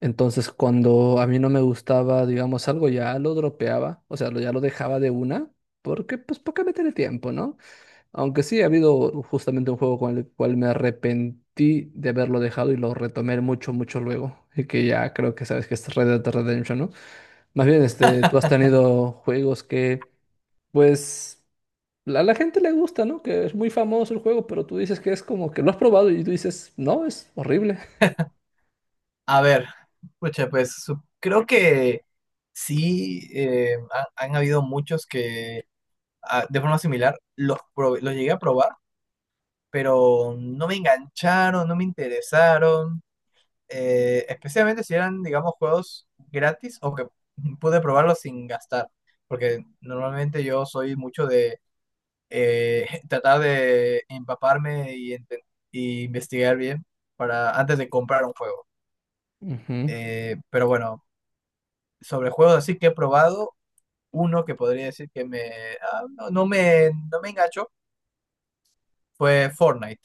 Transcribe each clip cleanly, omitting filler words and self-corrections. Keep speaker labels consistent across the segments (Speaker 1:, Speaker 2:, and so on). Speaker 1: Entonces, cuando a mí no me gustaba, digamos, algo, ya lo dropeaba, o sea, ya lo dejaba de una, porque, pues, ¿para qué meterle tiempo, no? Aunque sí, ha habido justamente un juego con el cual me arrepentí de haberlo dejado y lo retomé mucho, mucho luego, y que ya creo que sabes que es Red Dead Redemption, ¿no? Más bien, tú has tenido juegos que, pues, a la gente le gusta, ¿no? Que es muy famoso el juego, pero tú dices que es como que lo has probado y tú dices, no, es horrible.
Speaker 2: A ver, pucha, creo que sí, han habido muchos que de forma similar los llegué a probar, pero no me engancharon, no me interesaron, especialmente si eran, digamos, juegos gratis o que pude probarlos sin gastar, porque normalmente yo soy mucho de tratar de empaparme y investigar bien para antes de comprar un juego.
Speaker 1: Ujú.
Speaker 2: Pero bueno. Sobre juegos así que he probado, uno que podría decir que me, ah, no, no me, no me enganchó fue Fortnite.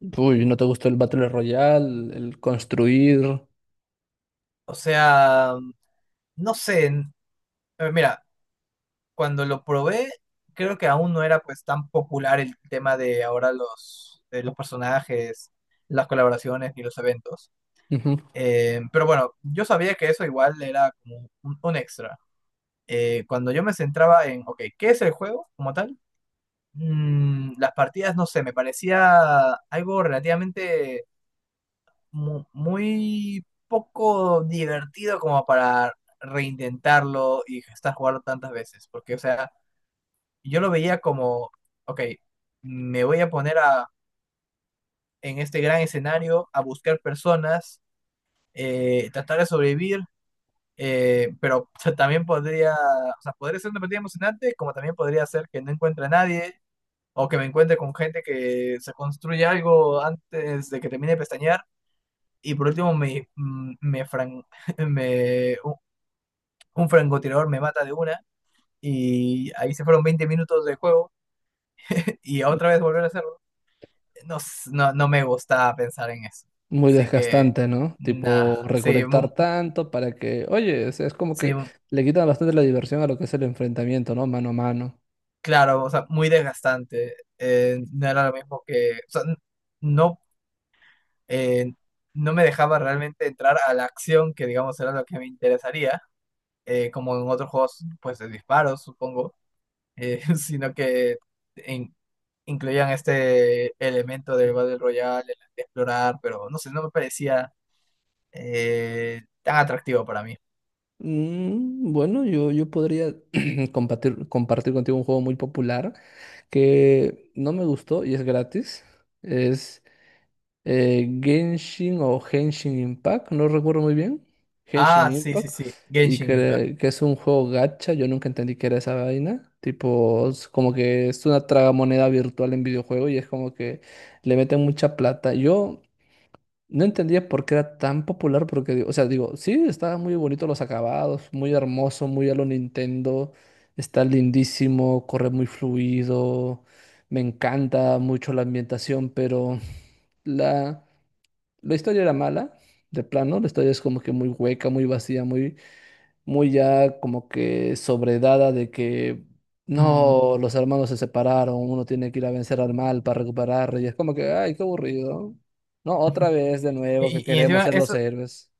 Speaker 1: Uy, ¿no te gustó el Battle Royale, el construir?
Speaker 2: O sea, no sé, mira, cuando lo probé, creo que aún no era pues tan popular el tema de ahora de los personajes, las colaboraciones y los eventos.
Speaker 1: Ujú.
Speaker 2: Pero bueno, yo sabía que eso igual era como un extra. Cuando yo me centraba en, ok, ¿qué es el juego como tal? Las partidas, no sé, me parecía algo relativamente muy poco divertido como para reintentarlo y estar jugando tantas veces. Porque, o sea, yo lo veía como, ok, me voy a poner a, en este gran escenario a buscar personas, tratar de sobrevivir, pero también podría, o sea, podría ser una partida emocionante, como también podría ser que no encuentre a nadie o que me encuentre con gente que se construye algo antes de que termine de pestañear y por último me, mm, me, fran- me- un, un francotirador me mata de una y ahí se fueron 20 minutos de juego y otra vez volver a hacerlo. No, no, no me gusta pensar en eso.
Speaker 1: Muy
Speaker 2: Así que,
Speaker 1: desgastante, ¿no?
Speaker 2: nada,
Speaker 1: Tipo,
Speaker 2: sí,
Speaker 1: recolectar tanto para que, oye, o sea, es como
Speaker 2: sí,
Speaker 1: que
Speaker 2: mu-
Speaker 1: le quitan bastante la diversión a lo que es el enfrentamiento, ¿no? Mano a mano.
Speaker 2: claro, o sea, muy desgastante. No era lo mismo que, o sea, no, eh, no me dejaba realmente entrar a la acción que digamos era lo que me interesaría. Como en otros juegos, pues de disparos, supongo, sino que in- incluían este elemento del Battle Royale, el de explorar, pero no sé, no me parecía tan atractivo para mí.
Speaker 1: Mm, bueno, yo podría compartir contigo un juego muy popular que no me gustó y es gratis. Es Genshin o Genshin Impact, no recuerdo muy bien. Genshin
Speaker 2: Ah, sí, sí,
Speaker 1: Impact.
Speaker 2: sí,
Speaker 1: Y
Speaker 2: Genshin Impact.
Speaker 1: que es un juego gacha, yo nunca entendí qué era esa vaina. Tipo, es como que es una tragamoneda virtual en videojuego y es como que le meten mucha plata. Yo no entendía por qué era tan popular, porque, digo- o sea, digo, sí, está muy bonito los acabados, muy hermoso, muy a lo Nintendo, está lindísimo, corre muy fluido, me encanta mucho la ambientación, pero la... La historia era mala, de plano, la historia es como que muy hueca, muy vacía, muy, muy ya como que sobredada de que
Speaker 2: Mm,
Speaker 1: no, los hermanos se separaron, uno tiene que ir a vencer al mal para recuperar, y es como que, ay, qué aburrido. No, otra vez de
Speaker 2: Y,
Speaker 1: nuevo que
Speaker 2: y- y
Speaker 1: queremos
Speaker 2: encima
Speaker 1: ser los
Speaker 2: eso,
Speaker 1: héroes.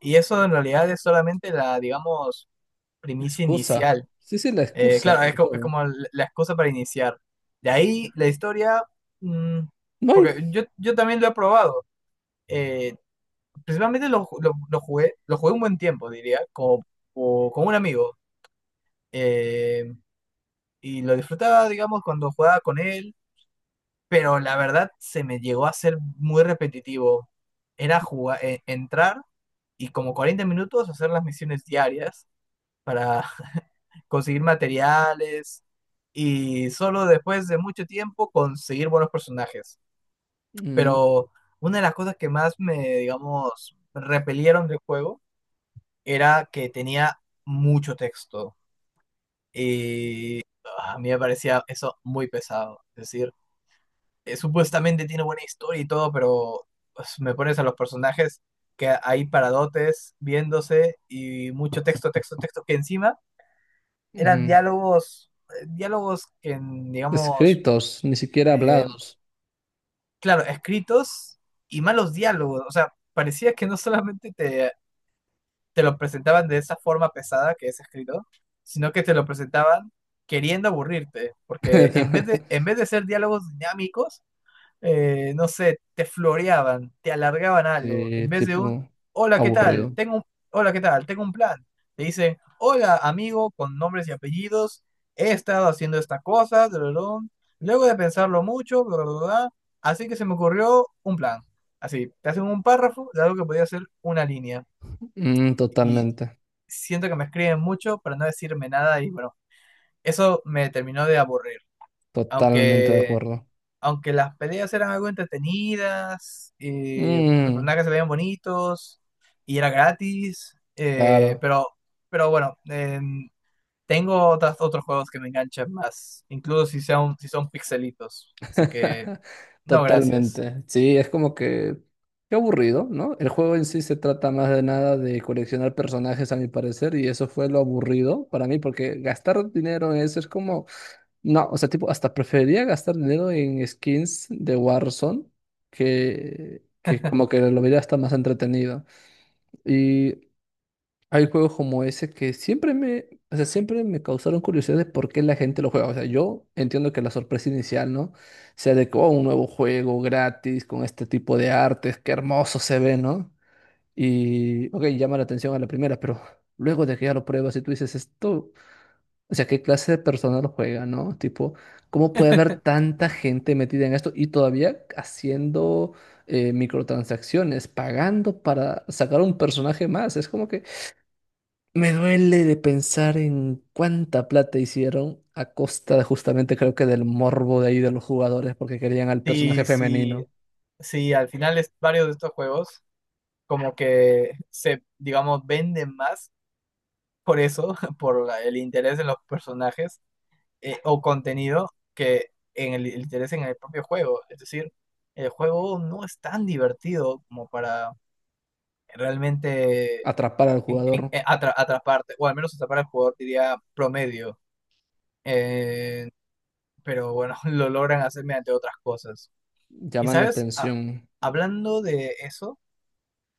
Speaker 2: y eso en realidad es solamente la, digamos,
Speaker 1: La
Speaker 2: primicia
Speaker 1: excusa.
Speaker 2: inicial.
Speaker 1: Sí, sí, la excusa
Speaker 2: Claro, es,
Speaker 1: del
Speaker 2: es
Speaker 1: juego.
Speaker 2: como la excusa para iniciar. De ahí la historia, mm,
Speaker 1: No hay
Speaker 2: porque yo también lo he probado. Eh, Principalmente lo jugué un buen tiempo, diría, con un amigo. eh, y lo disfrutaba, digamos, cuando jugaba con él, pero la verdad se me llegó a ser muy repetitivo. Era jugar, entrar y como 40 minutos hacer las misiones diarias para conseguir materiales y solo después de mucho tiempo conseguir buenos personajes.
Speaker 1: mm,
Speaker 2: Pero una de las cosas que más me, digamos, repelieron del juego era que tenía mucho texto y a mí me parecía eso muy pesado. Es decir, supuestamente tiene buena historia y todo, pero pues, me pones a los personajes que ahí paradotes viéndose y mucho texto, texto, texto, que encima eran
Speaker 1: mm,
Speaker 2: diálogos, diálogos que, digamos,
Speaker 1: escritos, ni siquiera
Speaker 2: eh,
Speaker 1: hablados.
Speaker 2: claro, escritos y malos diálogos. O sea, parecía que no solamente te lo presentaban de esa forma pesada que es escrito, sino que te lo presentaban queriendo aburrirte, porque en vez de, en vez de ser diálogos dinámicos, no sé, te floreaban, te alargaban algo, en
Speaker 1: Sí,
Speaker 2: vez de un,
Speaker 1: tipo
Speaker 2: hola, ¿qué tal?
Speaker 1: aburrido.
Speaker 2: Tengo un, hola, ¿qué tal? Tengo un plan. Te dicen, hola, amigo, con nombres y apellidos, he estado haciendo esta cosa, drolón, luego de pensarlo mucho, bla, bla, bla, así que se me ocurrió un plan. Así, te hacen un párrafo de algo que podía ser una línea.
Speaker 1: Mm,
Speaker 2: Y
Speaker 1: totalmente.
Speaker 2: siento que me escriben mucho para no decirme nada y bueno, eso me terminó de aburrir.
Speaker 1: Totalmente de
Speaker 2: Aunque,
Speaker 1: acuerdo.
Speaker 2: aunque las peleas eran algo entretenidas, y los
Speaker 1: Mm,
Speaker 2: personajes se veían bonitos y era gratis,
Speaker 1: claro.
Speaker 2: pero bueno, tengo otras, otros juegos que me enganchan más, incluso si son pixelitos. Así que, no, gracias.
Speaker 1: Totalmente. Sí, es como que qué aburrido, ¿no? El juego en sí se trata más de nada de coleccionar personajes, a mi parecer, y eso fue lo aburrido para mí, porque gastar dinero en eso es como, no, o sea, tipo, hasta preferiría gastar dinero en skins de Warzone que como que lo vería hasta más entretenido. Y hay juegos como ese que siempre me, o sea, siempre me causaron curiosidad de por qué la gente lo juega. O sea, yo entiendo que la sorpresa inicial, ¿no? Sea de que, oh, un nuevo juego gratis con este tipo de artes, qué hermoso se ve, ¿no? Y, ok, llama la atención a la primera, pero luego de que ya lo pruebas y tú dices esto, o sea, ¿qué clase de persona lo juega, ¿no? Tipo, ¿cómo puede haber tanta gente metida en esto y todavía haciendo microtransacciones, pagando para sacar un personaje más? Es como que... Me duele de pensar en cuánta plata hicieron a costa de justamente creo que del morbo de ahí de los jugadores porque querían al personaje
Speaker 2: Sí, sí,
Speaker 1: femenino
Speaker 2: sí, al final es, varios de estos juegos como que se, digamos, venden más por eso, por el interés de los personajes o contenido que en el interés en el propio juego. Es decir, el juego no es tan divertido como para realmente
Speaker 1: atrapar al jugador,
Speaker 2: atraparte, o al menos atrapar al jugador, diría promedio. Eh, pero bueno, lo logran hacer mediante otras cosas. Y
Speaker 1: llaman la
Speaker 2: sabes,
Speaker 1: atención.
Speaker 2: hablando de eso.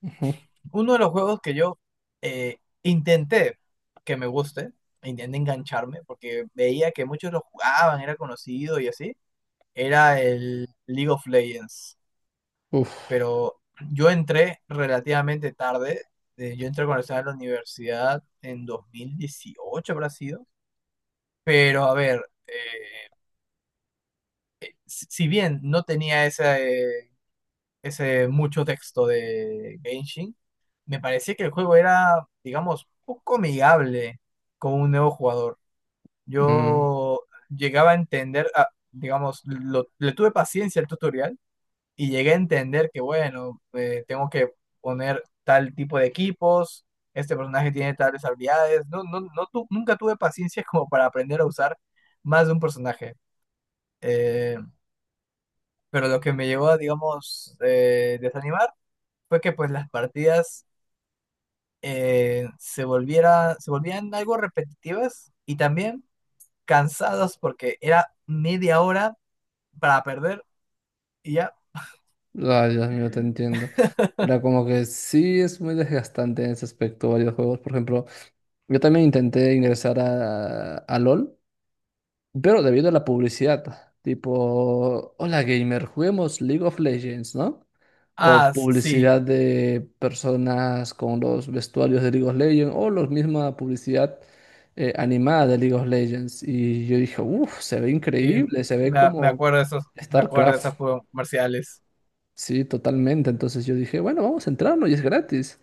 Speaker 1: Ujú.
Speaker 2: Uno de los juegos que yo eh, intenté que me guste, intenté engancharme, porque veía que muchos lo jugaban, era conocido y así, era el League of Legends.
Speaker 1: Uf.
Speaker 2: Pero yo entré relativamente tarde, yo entré cuando estaba en la universidad en 2018 habrá sido, pero a ver, eh, si bien no tenía ese, eh, ese mucho texto de Genshin, me parecía que el juego era, digamos, poco amigable con un nuevo jugador.
Speaker 1: Mm.
Speaker 2: Yo llegaba a entender, digamos, le tuve paciencia al tutorial y llegué a entender que, bueno, tengo que poner tal tipo de equipos, este personaje tiene tales habilidades. Nunca tuve paciencia como para aprender a usar más de un personaje. Eh, pero lo que me llevó a, digamos, desanimar fue que pues las partidas se volvían algo repetitivas y también cansados porque era media hora para perder y ya.
Speaker 1: Ay, Dios mío, te entiendo. Era como que sí es muy desgastante en ese aspecto varios juegos. Por ejemplo, yo también intenté ingresar a LOL. Pero debido a la publicidad, tipo, hola gamer, juguemos League of Legends, ¿no? O
Speaker 2: Sí,
Speaker 1: publicidad de personas con los vestuarios de League of Legends, o la misma publicidad animada de League of Legends. Y yo dije, uff, se ve
Speaker 2: sí,
Speaker 1: increíble, se ve
Speaker 2: me
Speaker 1: como
Speaker 2: acuerdo de esos, me acuerdo de esos
Speaker 1: StarCraft.
Speaker 2: juegos comerciales.
Speaker 1: Sí, totalmente. Entonces yo dije, bueno, vamos a entrarnos y es gratis.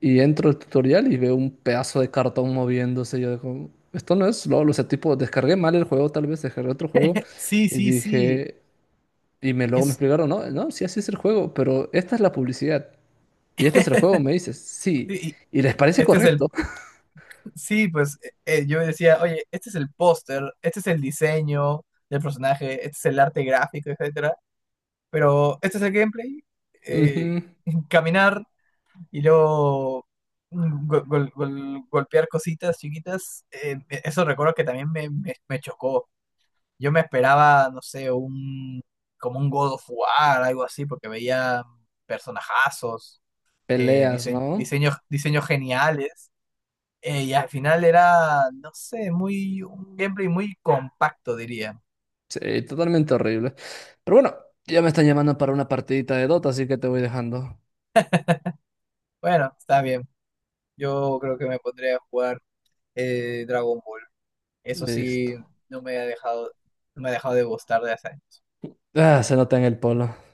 Speaker 1: Y entro al tutorial y veo un pedazo de cartón moviéndose. Yo digo, esto no es LOL. O sea, tipo, descargué mal el juego, tal vez descargué otro juego.
Speaker 2: Sí,
Speaker 1: Y
Speaker 2: sí, sí,
Speaker 1: dije, y me luego me
Speaker 2: es,
Speaker 1: explicaron, no, no, sí, así es el juego, pero esta es la publicidad. Y este es el juego, me dices, sí.
Speaker 2: sí,
Speaker 1: Y les
Speaker 2: y
Speaker 1: parece
Speaker 2: este es el,
Speaker 1: correcto.
Speaker 2: sí, pues yo decía, oye, este es el póster, este es el diseño del personaje, este es el arte gráfico, etcétera, pero este es el gameplay, eh,
Speaker 1: Ujú.
Speaker 2: caminar. Y luego golpear cositas chiquitas, eso recuerdo que también me chocó. Yo me esperaba, no sé, un como un God of War, algo así, porque veía personajazos,
Speaker 1: Peleas, ¿no?
Speaker 2: diseños, diseños geniales, y al final era, no sé, muy un gameplay muy compacto, diría.
Speaker 1: Sí, totalmente horrible. Pero bueno, ya me están llamando para una partidita de Dota, así que te voy dejando.
Speaker 2: Bueno, está bien. Yo creo que me pondré a jugar Dragon Ball. Eso sí,
Speaker 1: Listo.
Speaker 2: no me ha dejado, no me ha dejado de gustar de hace años.
Speaker 1: Ah, se nota en el polo.